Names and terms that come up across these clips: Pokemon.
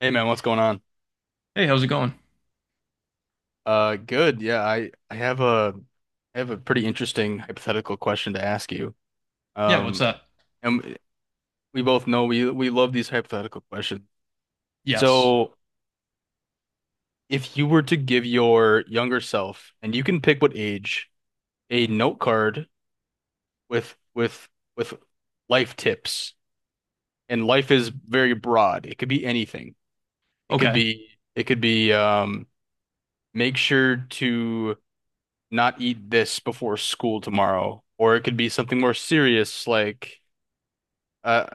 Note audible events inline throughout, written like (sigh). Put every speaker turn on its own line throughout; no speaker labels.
Hey man, what's going on?
Hey, how's it going?
Good. Yeah, I have a I have a pretty interesting hypothetical question to ask you.
Yeah, what's
Um,
that?
and we both know we love these hypothetical questions.
Yes.
So, if you were to give your younger self, and you can pick what age, a note card with with life tips, and life is very broad. It could be anything. It could
Okay.
be it could be make sure to not eat this before school tomorrow. Or it could be something more serious like uh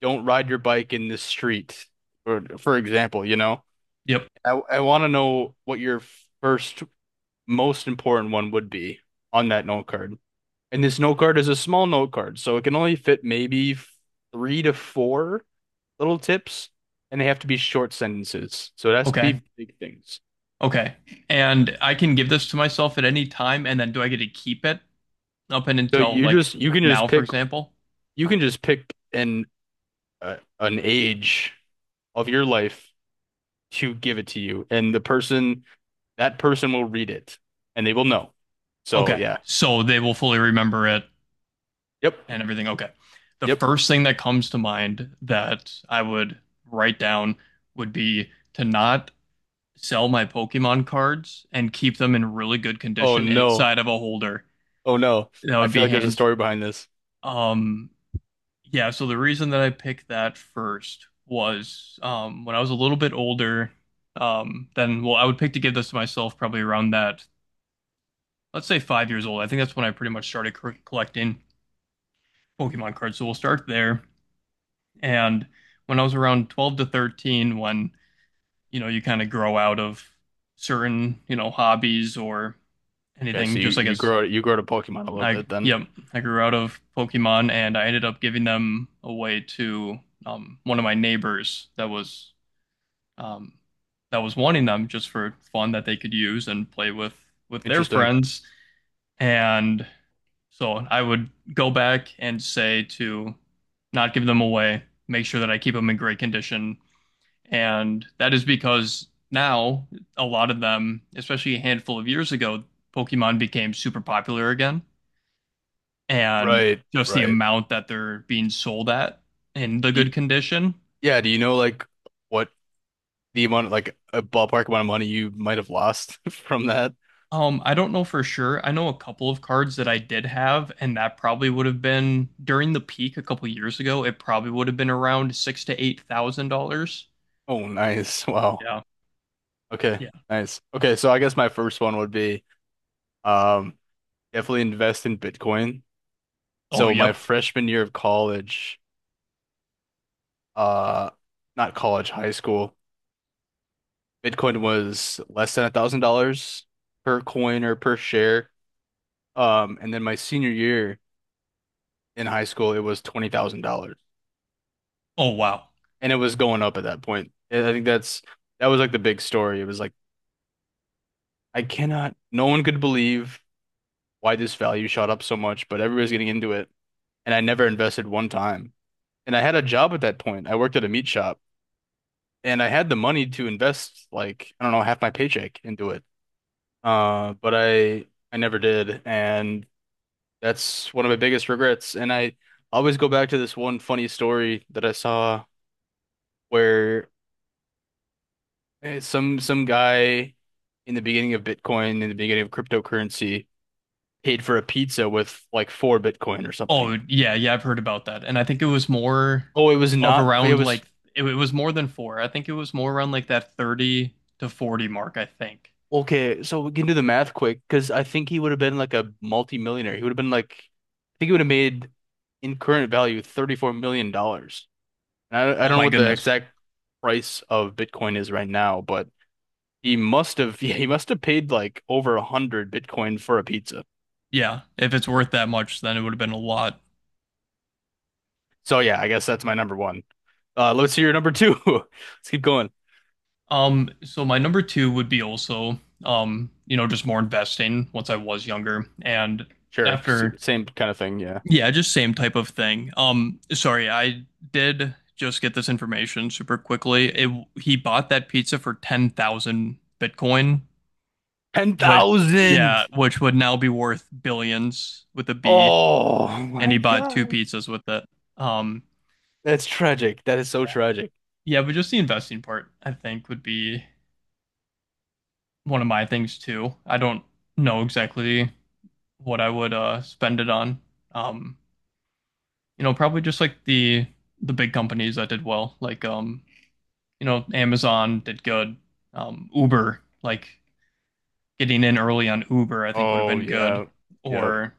don't ride your bike in this street or for example, you know.
Yep.
I want to know what your first most important one would be on that note card. And this note card is a small note card, so it can only fit maybe three to four little tips and they have to be short sentences. So it has to
Okay.
be big things.
Okay. And I can give this to myself at any time, and then do I get to keep it up and
So
until like
you can just
now, for
pick
example?
you can just pick an age of your life to give it to you. And the person, that person will read it and they will know. So,
Okay.
yeah.
So they will fully remember it
Yep.
and everything. Okay. The
Yep.
first thing that comes to mind that I would write down would be to not sell my Pokemon cards and keep them in really good
Oh,
condition and
no.
inside of a holder.
Oh, no.
That
I
would
feel
be
like there's a
hands.
story behind this.
Um, Yeah, so the reason that I picked that first was when I was a little bit older, then, well, I would pick to give this to myself probably around that, let's say 5 years old. I think that's when I pretty much started collecting Pokemon cards. So we'll start there. And when I was around 12 to 13, when, you know, you kind of grow out of certain, you know, hobbies or
Okay. So
anything,
you,
just I guess.
you grow to Pokemon a little
I,
bit then.
yep, I grew out of Pokemon and I ended up giving them away to one of my neighbors that was um, wanting them just for fun that they could use and play with their
Interesting.
friends. And so I would go back and say to not give them away, make sure that I keep them in great condition. And that is because now a lot of them, especially a handful of years ago, Pokemon became super popular again. And
Right.
just the
Right.
amount that they're being sold at in the
You,
good condition.
yeah. Do you know like what the amount, like a ballpark amount of money you might have lost (laughs) from that?
I don't know for sure. I know a couple of cards that I did have, and that probably would have been during the peak a couple years ago. It probably would have been around six to eight thousand dollars.
Oh, nice. Wow.
Yeah.
Okay.
Yeah.
Nice. Okay. So I guess my first one would be, um, definitely invest in Bitcoin.
Oh,
So my
yep.
freshman year of college, uh, not college, high school, Bitcoin was less than $1,000 per coin or per share. And then my senior year in high school, it was $20,000,
Oh, wow.
and it was going up at that point. And I think that's that was like the big story. It was like I cannot, no one could believe why this value shot up so much, but everybody's getting into it, and I never invested one time. And I had a job at that point. I worked at a meat shop. And I had the money to invest like I don't know half my paycheck into it. But I never did, and that's one of my biggest regrets. And I always go back to this one funny story that I saw where some guy in the beginning of Bitcoin, in the beginning of cryptocurrency, paid for a pizza with like four Bitcoin or
Oh,
something.
yeah, yeah. I've heard about that, and I think it was more
Oh, it was
of
not. It
around
was
like it was more than four. I think it was more around like that 30 to 40 mark, I think.
okay, so we can do the math quick because I think he would have been like a multi-millionaire. He would have been like, I think he would have made in current value $34 million. Dollars. I
Oh
don't know
my
what the
goodness.
exact price of Bitcoin is right now, but he must have, (laughs) yeah, he must have paid like over a hundred Bitcoin for a pizza.
Yeah. If it's worth that much, then it would have been a lot.
So yeah, I guess that's my number one. Let's hear your number two. (laughs) Let's keep going.
So my number two would be also, you know, just more investing once I was younger and
Sure,
after,
same kind of thing. Yeah,
yeah, just same type of thing. Sorry, I did just get this information super quickly. He bought that pizza for 10,000 Bitcoin, which, yeah,
10,000.
which would now be worth billions with a B,
Oh
and he
my
bought two
God.
pizzas with it. Um,
That's tragic. That is so
yeah,
tragic.
yeah, but just the investing part, I think, would be one of my things too. I don't know exactly what I would spend it on. Um, you know, probably just like the big companies that did well, like you know, Amazon did good. Uber, like getting in early on Uber, I think would have
Oh
been good,
yeah. Yep.
or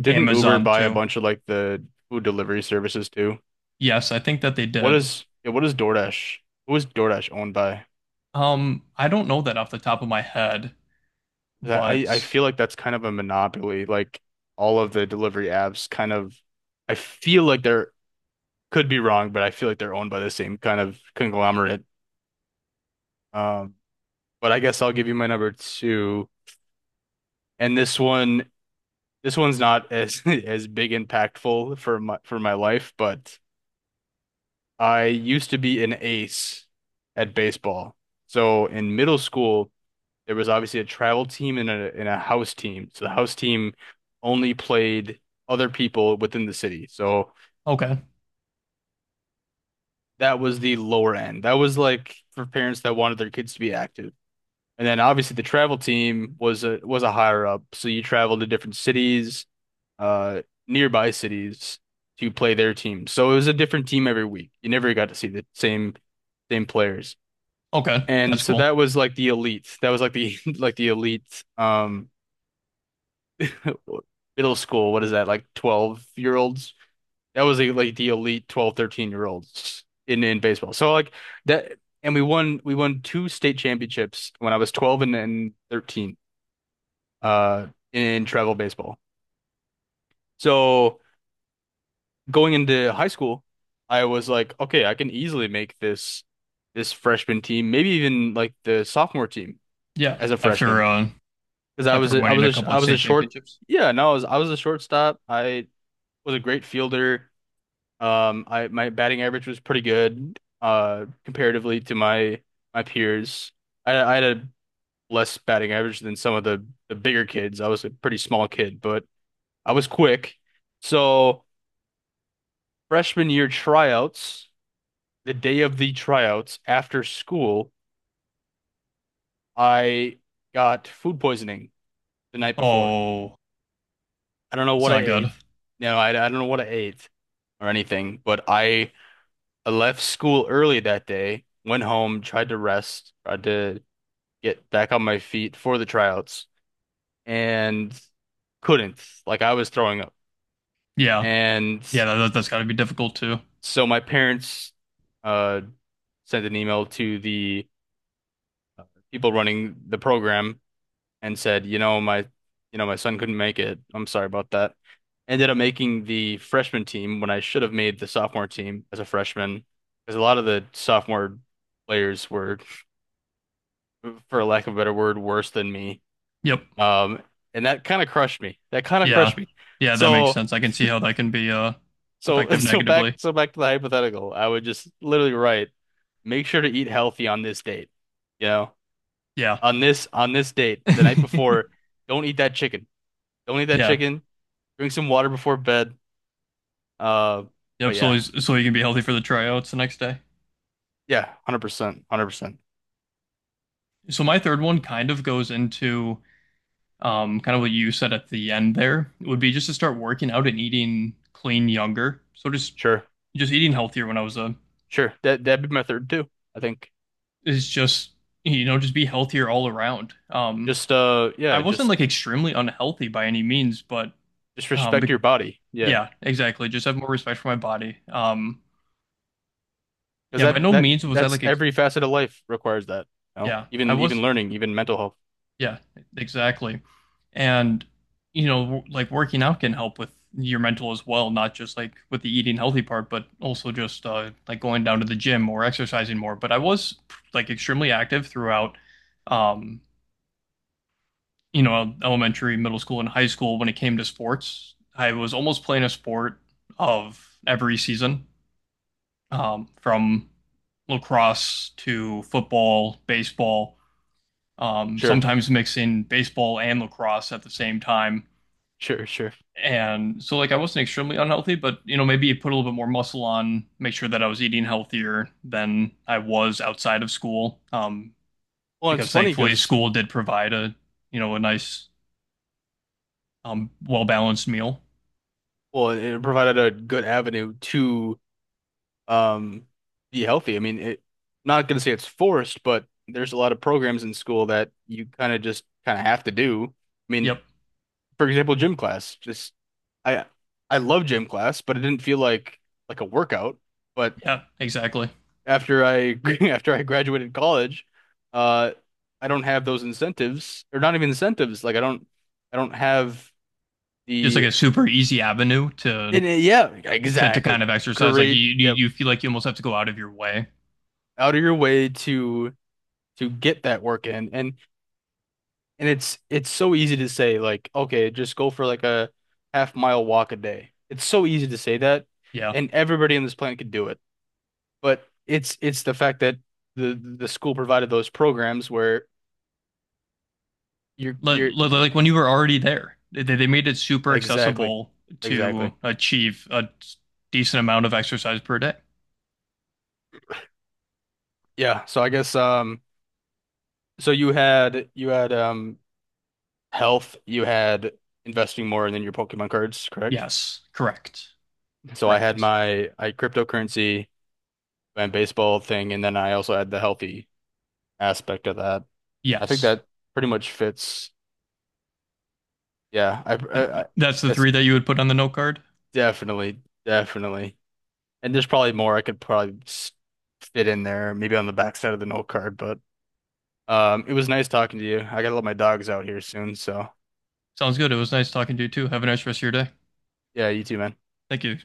Didn't Uber
Amazon
buy a
too.
bunch of like the food delivery services too?
Yes, I think that they
What
did.
is yeah, what is DoorDash? Who is DoorDash owned by?
I don't know that off the top of my head,
'Cause I I
but
feel like that's kind of a monopoly. Like all of the delivery apps kind of I feel like they're could be wrong, but I feel like they're owned by the same kind of conglomerate. Um, but I guess I'll give you my number two. And this one this one's not as (laughs) as big impactful for my life, but I used to be an ace at baseball. So in middle school, there was obviously a travel team and a house team. So the house team only played other people within the city. So
okay,
that was the lower end. That was like for parents that wanted their kids to be active. And then obviously the travel team was a higher up. So you traveled to different cities, uh nearby cities to play their team. So it was a different team every week. You never got to see the same players.
okay,
And
that's
so
cool.
that was like the elite. That was like the (laughs) like the elite (laughs) middle school. What is that? Like 12-year-olds. That was like the elite 12, 13 year olds in baseball. So like that and we won two state championships when I was 12 and, then 13 uh in travel baseball. So going into high school, I was like, okay, I can easily make this freshman team, maybe even like the sophomore team
Yeah,
as a
after
freshman
uh,
because
after winning a couple
I
of
was a
state
short
championships.
yeah no I was a shortstop I was a great fielder I my batting average was pretty good comparatively to my peers I had a less batting average than some of the bigger kids I was a pretty small kid but I was quick so freshman year tryouts the day of the tryouts after school I got food poisoning the night before
Oh,
I don't know
it's
what I
not
ate.
good.
No, I don't know what I ate or anything, but I left school early that day, went home, tried to rest, tried to get back on my feet for the tryouts, and couldn't. Like I was throwing up.
Yeah,
And
yeah, that's got to be difficult too.
so my parents uh, sent an email to the people running the program and said, you know, my son couldn't make it. I'm sorry about that. Ended up making the freshman team when I should have made the sophomore team as a freshman, because a lot of the sophomore players were, for lack of a better word, worse than me.
Yep.
Um, and that kind of crushed me. That kind of crushed
Yeah.
me.
Yeah, that makes
So
sense. I can see how that can be
so (laughs)
effective
so back
negatively.
so back to the hypothetical. I would just literally write, make sure to eat healthy on this date. You know,
Yeah.
on this date, the night
(laughs)
before, don't eat that chicken. Don't eat that
Yeah.
chicken. Drink some water before bed. Uh, but
Yep. So
yeah,
he's- so you can be healthy for the tryouts the next day.
yeah, 100%, 100%.
So my third one kind of goes into kind of what you said at the end there. It would be just to start working out and eating clean younger. So just
Sure,
just eating healthier when I was a
sure. That that'd be my third too. I think
is just, you know, just be healthier all around.
just
I
yeah,
wasn't like extremely unhealthy by any means, but
just
um
respect your body. Yeah,
yeah, exactly. Just have more respect for my body. Um,
because
yeah, by no means was I
that's
like, ex
every facet of life requires that. You know,
yeah,
even even learning, even mental health.
yeah, exactly. And, you know, like working out can help with your mental as well, not just like with the eating healthy part, but also just like going down to the gym or exercising more. But I was like extremely active throughout, um, you know, elementary, middle school, and high school when it came to sports. I was almost playing a sport of every season. From lacrosse to football, baseball,
Sure,
sometimes mixing baseball and lacrosse at the same time.
sure, sure.
And so, like, I wasn't extremely unhealthy, but you know, maybe put a little bit more muscle on, make sure that I was eating healthier than I was outside of school. Um,
Well, it's
because
funny
thankfully,
because
school did provide a you know a nice, well balanced meal.
well, it provided a good avenue to um, be healthy. I mean, it, not going to say it's forced, but there's a lot of programs in school that you kind of just kind of have to do. I mean,
Yep.
for example, gym class. Just I I love gym class, but it didn't feel like a workout. But
Yeah. Exactly.
after I (laughs) after I graduated college, uh, I don't have those incentives, or not even incentives. Like I don't have
Just like
the
a super easy avenue to
and, yeah,
to kind
exactly.
of exercise like you
Great. Yep.
you feel like you almost have to go out of your way,
Out of your way to get that work in. And it's so easy to say like, okay, just go for like a half mile walk a day. It's so easy to say that,
yeah,
and everybody on this planet could do it. But it's the fact that the school provided those programs where
like,
you're
when you were already there, they made it super
exactly,
accessible to
exactly.
achieve a decent amount of exercise per day.
Yeah. So I guess so you had health, you had investing more than your Pokemon cards, correct?
Yes, correct.
So I had
Correct.
my I had cryptocurrency and baseball thing, and then I also had the healthy aspect of that. I think
Yes.
that pretty much fits. Yeah, I
That's the
that's
three that you would put on the note card.
definitely definitely. And there's probably more I could probably fit in there, maybe on the backside of the note card. But it was nice talking to you. I gotta let my dogs out here soon, so
Sounds good. It was nice talking to you too. Have a nice rest of your day.
yeah, you too, man.
Thank you.